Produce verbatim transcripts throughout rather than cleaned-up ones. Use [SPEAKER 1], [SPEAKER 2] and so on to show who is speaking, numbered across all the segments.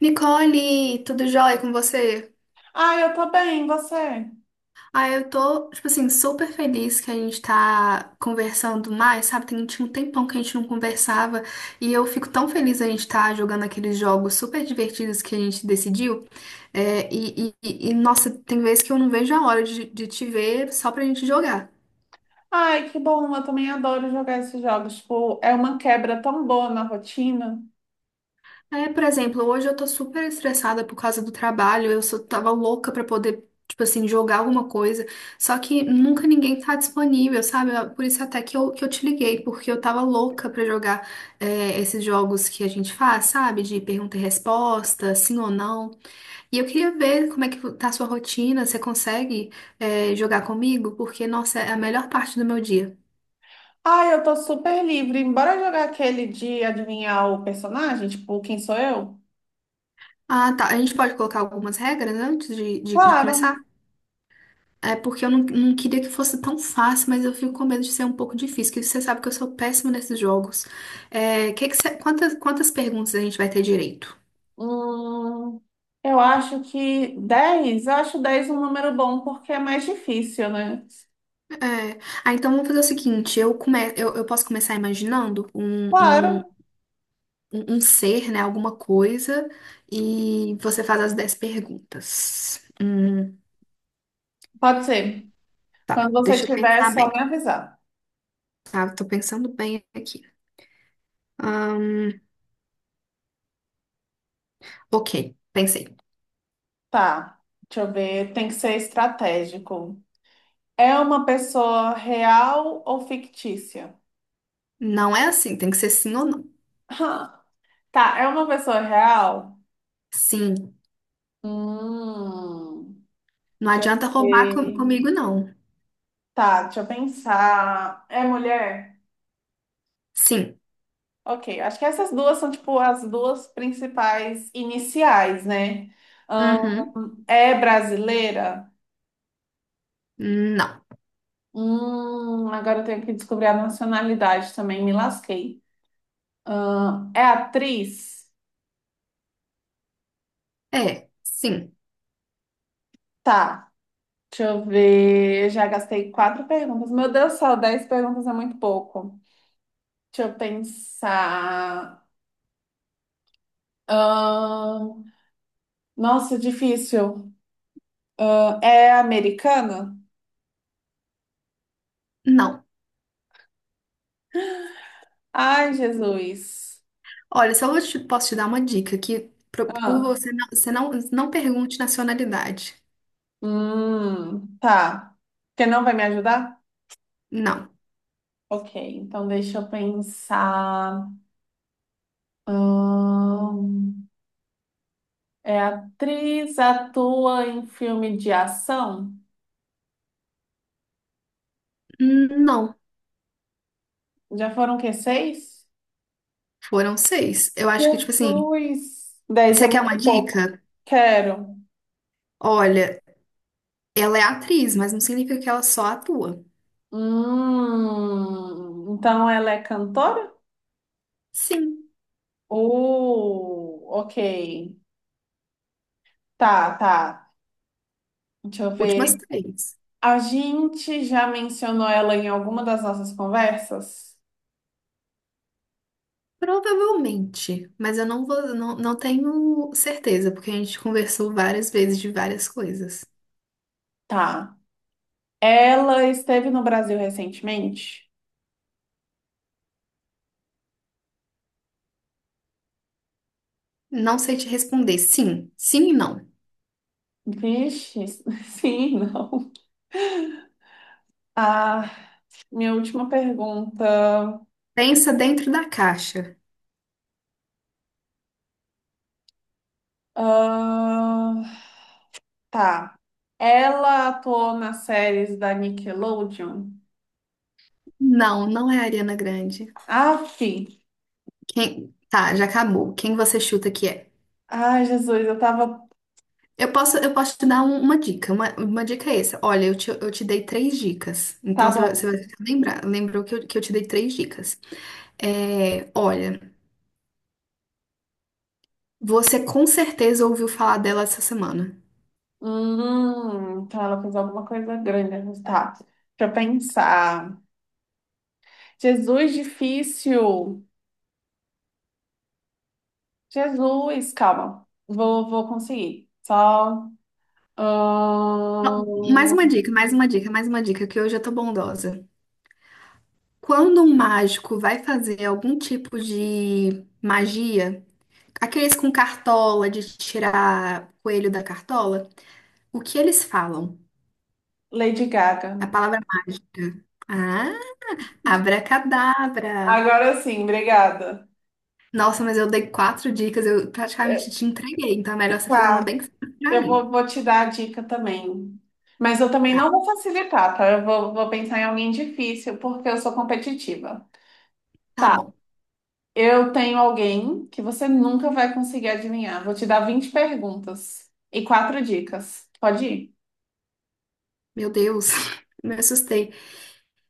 [SPEAKER 1] Nicole, tudo jóia com você?
[SPEAKER 2] Ah, eu tô bem, você?
[SPEAKER 1] Ah, eu tô, tipo assim, super feliz que a gente tá conversando mais, sabe? Tem, tinha um tempão que a gente não conversava e eu fico tão feliz a gente tá jogando aqueles jogos super divertidos que a gente decidiu. É, e, e- e- e, nossa, tem vezes que eu não vejo a hora de, de te ver só pra gente jogar.
[SPEAKER 2] Ai, que bom, eu também adoro jogar esses jogos. Tipo, é uma quebra tão boa na rotina.
[SPEAKER 1] É, por exemplo, hoje eu tô super estressada por causa do trabalho, eu só tava louca pra poder, tipo assim, jogar alguma coisa, só que nunca ninguém tá disponível, sabe? Ah, por isso até que eu, que eu te liguei, porque eu tava louca pra jogar é, esses jogos que a gente faz, sabe? De pergunta e resposta, sim ou não. E eu queria ver como é que tá a sua rotina, você consegue é, jogar comigo? Porque, nossa, é a melhor parte do meu dia.
[SPEAKER 2] Ai, eu tô super livre. Bora jogar aquele de adivinhar o personagem? Tipo, quem sou eu?
[SPEAKER 1] Ah, tá. A gente pode colocar algumas regras antes de, de de
[SPEAKER 2] Claro.
[SPEAKER 1] começar? É porque eu não, não queria que fosse tão fácil, mas eu fico com medo de ser um pouco difícil, que você sabe que eu sou péssima nesses jogos. É, que que você- quantas, quantas perguntas a gente vai ter direito?
[SPEAKER 2] Hum, eu acho que dez, eu acho dez um número bom, porque é mais difícil, né?
[SPEAKER 1] É, ah, então vamos fazer o seguinte, eu, come, eu, eu posso começar imaginando
[SPEAKER 2] Claro,
[SPEAKER 1] um, um, um um ser, né, alguma coisa, e você faz as dez perguntas. Hum,
[SPEAKER 2] pode ser. Quando
[SPEAKER 1] tá,
[SPEAKER 2] você
[SPEAKER 1] deixa eu
[SPEAKER 2] tiver, é
[SPEAKER 1] pensar
[SPEAKER 2] só
[SPEAKER 1] bem,
[SPEAKER 2] me avisar.
[SPEAKER 1] tá? Tô pensando bem aqui. Ok, pensei.
[SPEAKER 2] Tá, deixa eu ver, tem que ser estratégico. É uma pessoa real ou fictícia?
[SPEAKER 1] Não é assim, tem que ser sim ou não.
[SPEAKER 2] Ah, tá, é uma pessoa real?
[SPEAKER 1] Sim.
[SPEAKER 2] Hum,
[SPEAKER 1] Não
[SPEAKER 2] Deixa eu
[SPEAKER 1] adianta roubar com-
[SPEAKER 2] ver.
[SPEAKER 1] comigo, não.
[SPEAKER 2] Tá, deixa eu pensar. É mulher?
[SPEAKER 1] Sim.
[SPEAKER 2] Ok, acho que essas duas são, tipo, as duas principais iniciais, né?
[SPEAKER 1] Uhum.
[SPEAKER 2] É brasileira?
[SPEAKER 1] Não.
[SPEAKER 2] Hum, agora eu tenho que descobrir a nacionalidade também, me lasquei. Ahn, é atriz?
[SPEAKER 1] É. Sim.
[SPEAKER 2] Tá. Deixa eu ver. Eu já gastei quatro perguntas. Meu Deus do céu, dez perguntas é muito pouco. Deixa eu pensar. Ahn, nossa, difícil. Ahn, é americana?
[SPEAKER 1] Não.
[SPEAKER 2] Ai, Jesus.
[SPEAKER 1] Olha, só eu te, posso te dar uma dica que pro- por
[SPEAKER 2] Ah,
[SPEAKER 1] você não, você não, não pergunte nacionalidade.
[SPEAKER 2] hum, tá. Você não vai me ajudar?
[SPEAKER 1] Não.
[SPEAKER 2] Ok, então deixa eu pensar. Ahn, É atriz, atua em filme de ação?
[SPEAKER 1] Não.
[SPEAKER 2] Já foram o quê? Seis?
[SPEAKER 1] Foram seis. Eu acho que, tipo assim,
[SPEAKER 2] Jesus! Dez é
[SPEAKER 1] você quer uma
[SPEAKER 2] muito pouco.
[SPEAKER 1] dica?
[SPEAKER 2] Quero.
[SPEAKER 1] Olha, ela é atriz, mas não significa que ela só atua.
[SPEAKER 2] Hum, então ela é cantora?
[SPEAKER 1] Sim.
[SPEAKER 2] Uh, ok. Tá, tá. Deixa eu
[SPEAKER 1] Últimas
[SPEAKER 2] ver.
[SPEAKER 1] três.
[SPEAKER 2] A gente já mencionou ela em alguma das nossas conversas?
[SPEAKER 1] Provavelmente, mas eu não vou, não, não tenho certeza, porque a gente conversou várias vezes de várias coisas.
[SPEAKER 2] Tá. Ela esteve no Brasil recentemente?
[SPEAKER 1] Não sei te responder. Sim, sim e não.
[SPEAKER 2] Vixe, sim, não. Ah, minha última pergunta.
[SPEAKER 1] Pensa dentro da caixa.
[SPEAKER 2] Ah, tá. Ela atuou nas séries da Nickelodeon.
[SPEAKER 1] Não, não é a Ariana Grande.
[SPEAKER 2] Aff!
[SPEAKER 1] Quem... Tá, já acabou. Quem você chuta que é?
[SPEAKER 2] Ai, Jesus, eu tava.
[SPEAKER 1] Eu posso, eu posso te dar um- uma dica. Uma, uma dica é essa. Olha, eu te, eu te dei três dicas.
[SPEAKER 2] Tá
[SPEAKER 1] Então você vai você
[SPEAKER 2] bom.
[SPEAKER 1] vai ficar lembrar. Lembrou que eu, que eu te dei três dicas. É, olha, você com certeza ouviu falar dela essa semana.
[SPEAKER 2] Hum, então ela fez alguma coisa grande, mas tá. Deixa eu pensar. Jesus, difícil. Jesus, calma. Vou, vou conseguir. Só.
[SPEAKER 1] Mais
[SPEAKER 2] Ahn,
[SPEAKER 1] uma dica, mais uma dica, mais uma dica, que hoje eu tô bondosa. Quando um mágico vai fazer algum tipo de magia. Aqueles com cartola, de tirar coelho da cartola, o que eles falam?
[SPEAKER 2] Lady Gaga.
[SPEAKER 1] A palavra mágica. Ah, abracadabra.
[SPEAKER 2] Agora sim, obrigada.
[SPEAKER 1] Nossa, mas eu dei quatro dicas, eu praticamente te entreguei, então é melhor você fazer uma
[SPEAKER 2] Tá.
[SPEAKER 1] bem simples pra
[SPEAKER 2] Eu
[SPEAKER 1] mim.
[SPEAKER 2] vou, vou te dar a dica também. Mas eu também
[SPEAKER 1] Tá,
[SPEAKER 2] não vou facilitar, tá? Eu vou, vou pensar em alguém difícil, porque eu sou competitiva.
[SPEAKER 1] tá
[SPEAKER 2] Tá,
[SPEAKER 1] bom.
[SPEAKER 2] eu tenho alguém que você nunca vai conseguir adivinhar. Vou te dar vinte perguntas e quatro dicas. Pode ir?
[SPEAKER 1] Meu Deus, me assustei.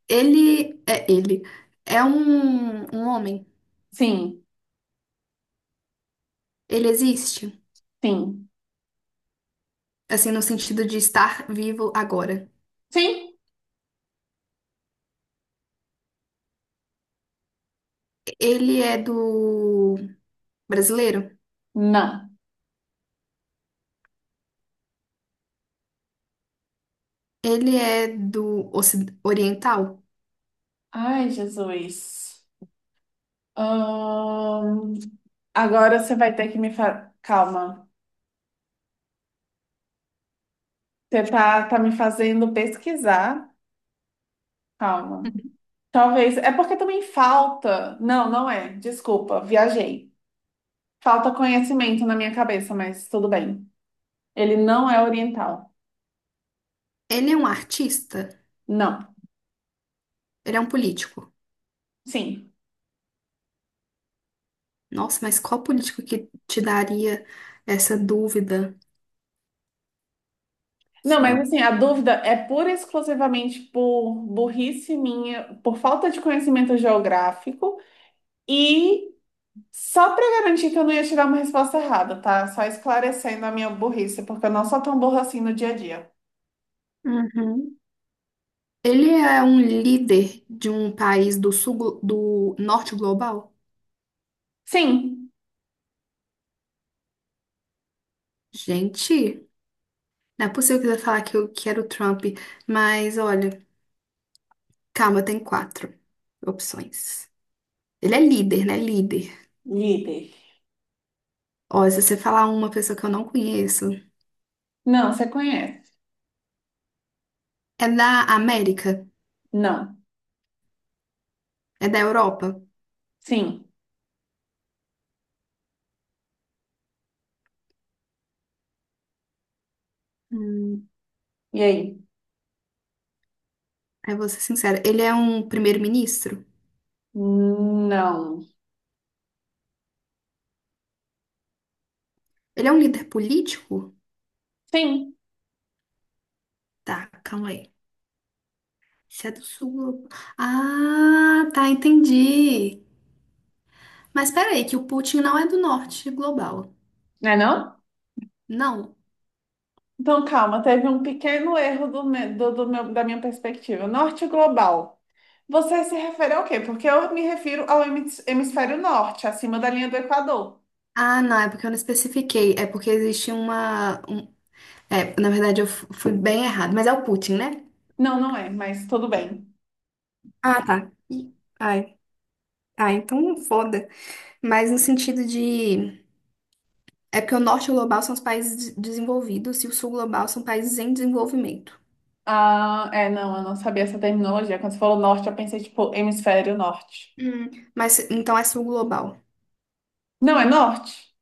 [SPEAKER 1] Ele é ele. É um, um homem.
[SPEAKER 2] Sim,
[SPEAKER 1] Ele existe,
[SPEAKER 2] sim.
[SPEAKER 1] assim, no sentido de estar vivo agora.
[SPEAKER 2] Sim?
[SPEAKER 1] Ele é do brasileiro?
[SPEAKER 2] Não.
[SPEAKER 1] Ele é do oci- Oriental?
[SPEAKER 2] Ai, Jesus. Ahn, Agora você vai ter que me fa... Calma. Você tá, tá me fazendo pesquisar. Calma. Talvez. É porque também falta. Não, não é. Desculpa, viajei. Falta conhecimento na minha cabeça, mas tudo bem. Ele não é oriental.
[SPEAKER 1] Ele é um artista?
[SPEAKER 2] Não.
[SPEAKER 1] Ele é um político?
[SPEAKER 2] Sim.
[SPEAKER 1] Nossa, mas qual político que te daria essa dúvida?
[SPEAKER 2] Não,
[SPEAKER 1] Se ele é
[SPEAKER 2] mas
[SPEAKER 1] um-
[SPEAKER 2] assim, a dúvida é pura e exclusivamente por burrice minha, por falta de conhecimento geográfico e só para garantir que eu não ia tirar uma resposta errada, tá? Só esclarecendo a minha burrice, porque eu não sou tão burra assim no dia a dia.
[SPEAKER 1] Uhum. Ele é um líder de um país do sul, glo- do norte global?
[SPEAKER 2] Sim.
[SPEAKER 1] Gente, não é possível que você vai falar que eu quero o Trump, mas olha, calma, tem quatro opções. Ele é líder, né? Líder.
[SPEAKER 2] Líder.
[SPEAKER 1] Ó, se você falar uma pessoa que eu não conheço,
[SPEAKER 2] Não, você conhece.
[SPEAKER 1] é da América,
[SPEAKER 2] Não.
[SPEAKER 1] é da Europa.
[SPEAKER 2] Sim.
[SPEAKER 1] Hum,
[SPEAKER 2] E aí?
[SPEAKER 1] eu vou ser sincera. Ele é um primeiro-ministro?
[SPEAKER 2] Não.
[SPEAKER 1] Ele é um líder político?
[SPEAKER 2] Sim,
[SPEAKER 1] Tá, calma aí. Se é do sul. Ah, tá, entendi. Mas peraí, que o Putin não é do norte global.
[SPEAKER 2] né não?
[SPEAKER 1] Não.
[SPEAKER 2] Então, calma, teve um pequeno erro do, me- do- do meu- da minha perspectiva. Norte global. Você se refere ao quê? Porque eu me refiro ao hemis- hemisfério norte, acima da linha do Equador.
[SPEAKER 1] Ah, não, é porque eu não especifiquei. É porque existe uma. Um- É, na verdade, eu fu- fui bem errado. Mas é o Putin, né?
[SPEAKER 2] Não, não é, mas tudo bem.
[SPEAKER 1] Ah, tá. Ai. Ah, então foda. Mas no sentido de. É porque o norte global são os países des- desenvolvidos e o sul global são países em desenvolvimento.
[SPEAKER 2] Ah, é, não, eu não sabia essa terminologia. Quando você falou norte, eu pensei, tipo, hemisfério norte.
[SPEAKER 1] Hum, mas então é sul global.
[SPEAKER 2] Não, é norte?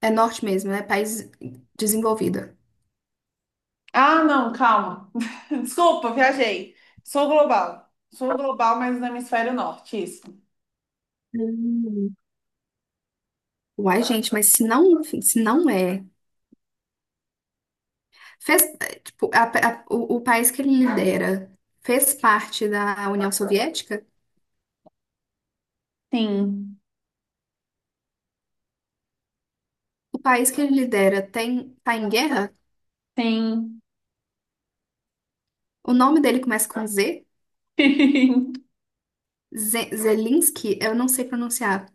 [SPEAKER 1] É norte mesmo, é país desenvolvido.
[SPEAKER 2] Ah, não, calma. Desculpa, viajei. Sou global. Sou global, mas no hemisfério norte, isso.
[SPEAKER 1] Hum. Uai, gente, mas se não, se não é, fez, tipo, a- a- o, o país que ele lidera fez parte da União Soviética?
[SPEAKER 2] Sim.
[SPEAKER 1] O país que ele lidera tem, tá em guerra?
[SPEAKER 2] Sim.
[SPEAKER 1] O nome dele começa com Z? Ze- Zelensky, eu não sei pronunciar.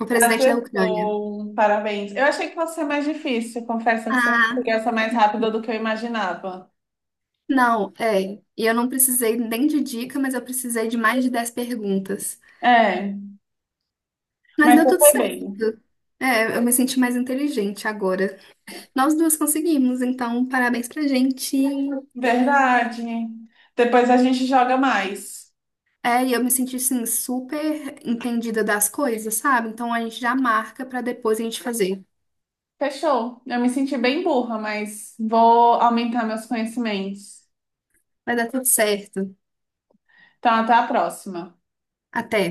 [SPEAKER 1] O presidente da Ucrânia.
[SPEAKER 2] Acertou. Parabéns. Eu achei que fosse ser mais difícil. Confesso que você
[SPEAKER 1] Ah,
[SPEAKER 2] conseguiu essa mais rápida do que eu imaginava.
[SPEAKER 1] não, é. E eu não precisei nem de dica, mas eu precisei de mais de dez perguntas.
[SPEAKER 2] É,
[SPEAKER 1] Mas
[SPEAKER 2] mas
[SPEAKER 1] deu
[SPEAKER 2] eu
[SPEAKER 1] tudo
[SPEAKER 2] foi bem.
[SPEAKER 1] certo. É, eu me senti mais inteligente agora. Nós duas conseguimos, então parabéns pra gente.
[SPEAKER 2] Verdade. Depois a gente joga mais.
[SPEAKER 1] É, e eu me senti assim super entendida das coisas, sabe? Então a gente já marca pra depois a gente fazer.
[SPEAKER 2] Fechou. Eu me senti bem burra, mas vou aumentar meus conhecimentos.
[SPEAKER 1] Vai dar tudo certo.
[SPEAKER 2] Então, até a próxima.
[SPEAKER 1] Até.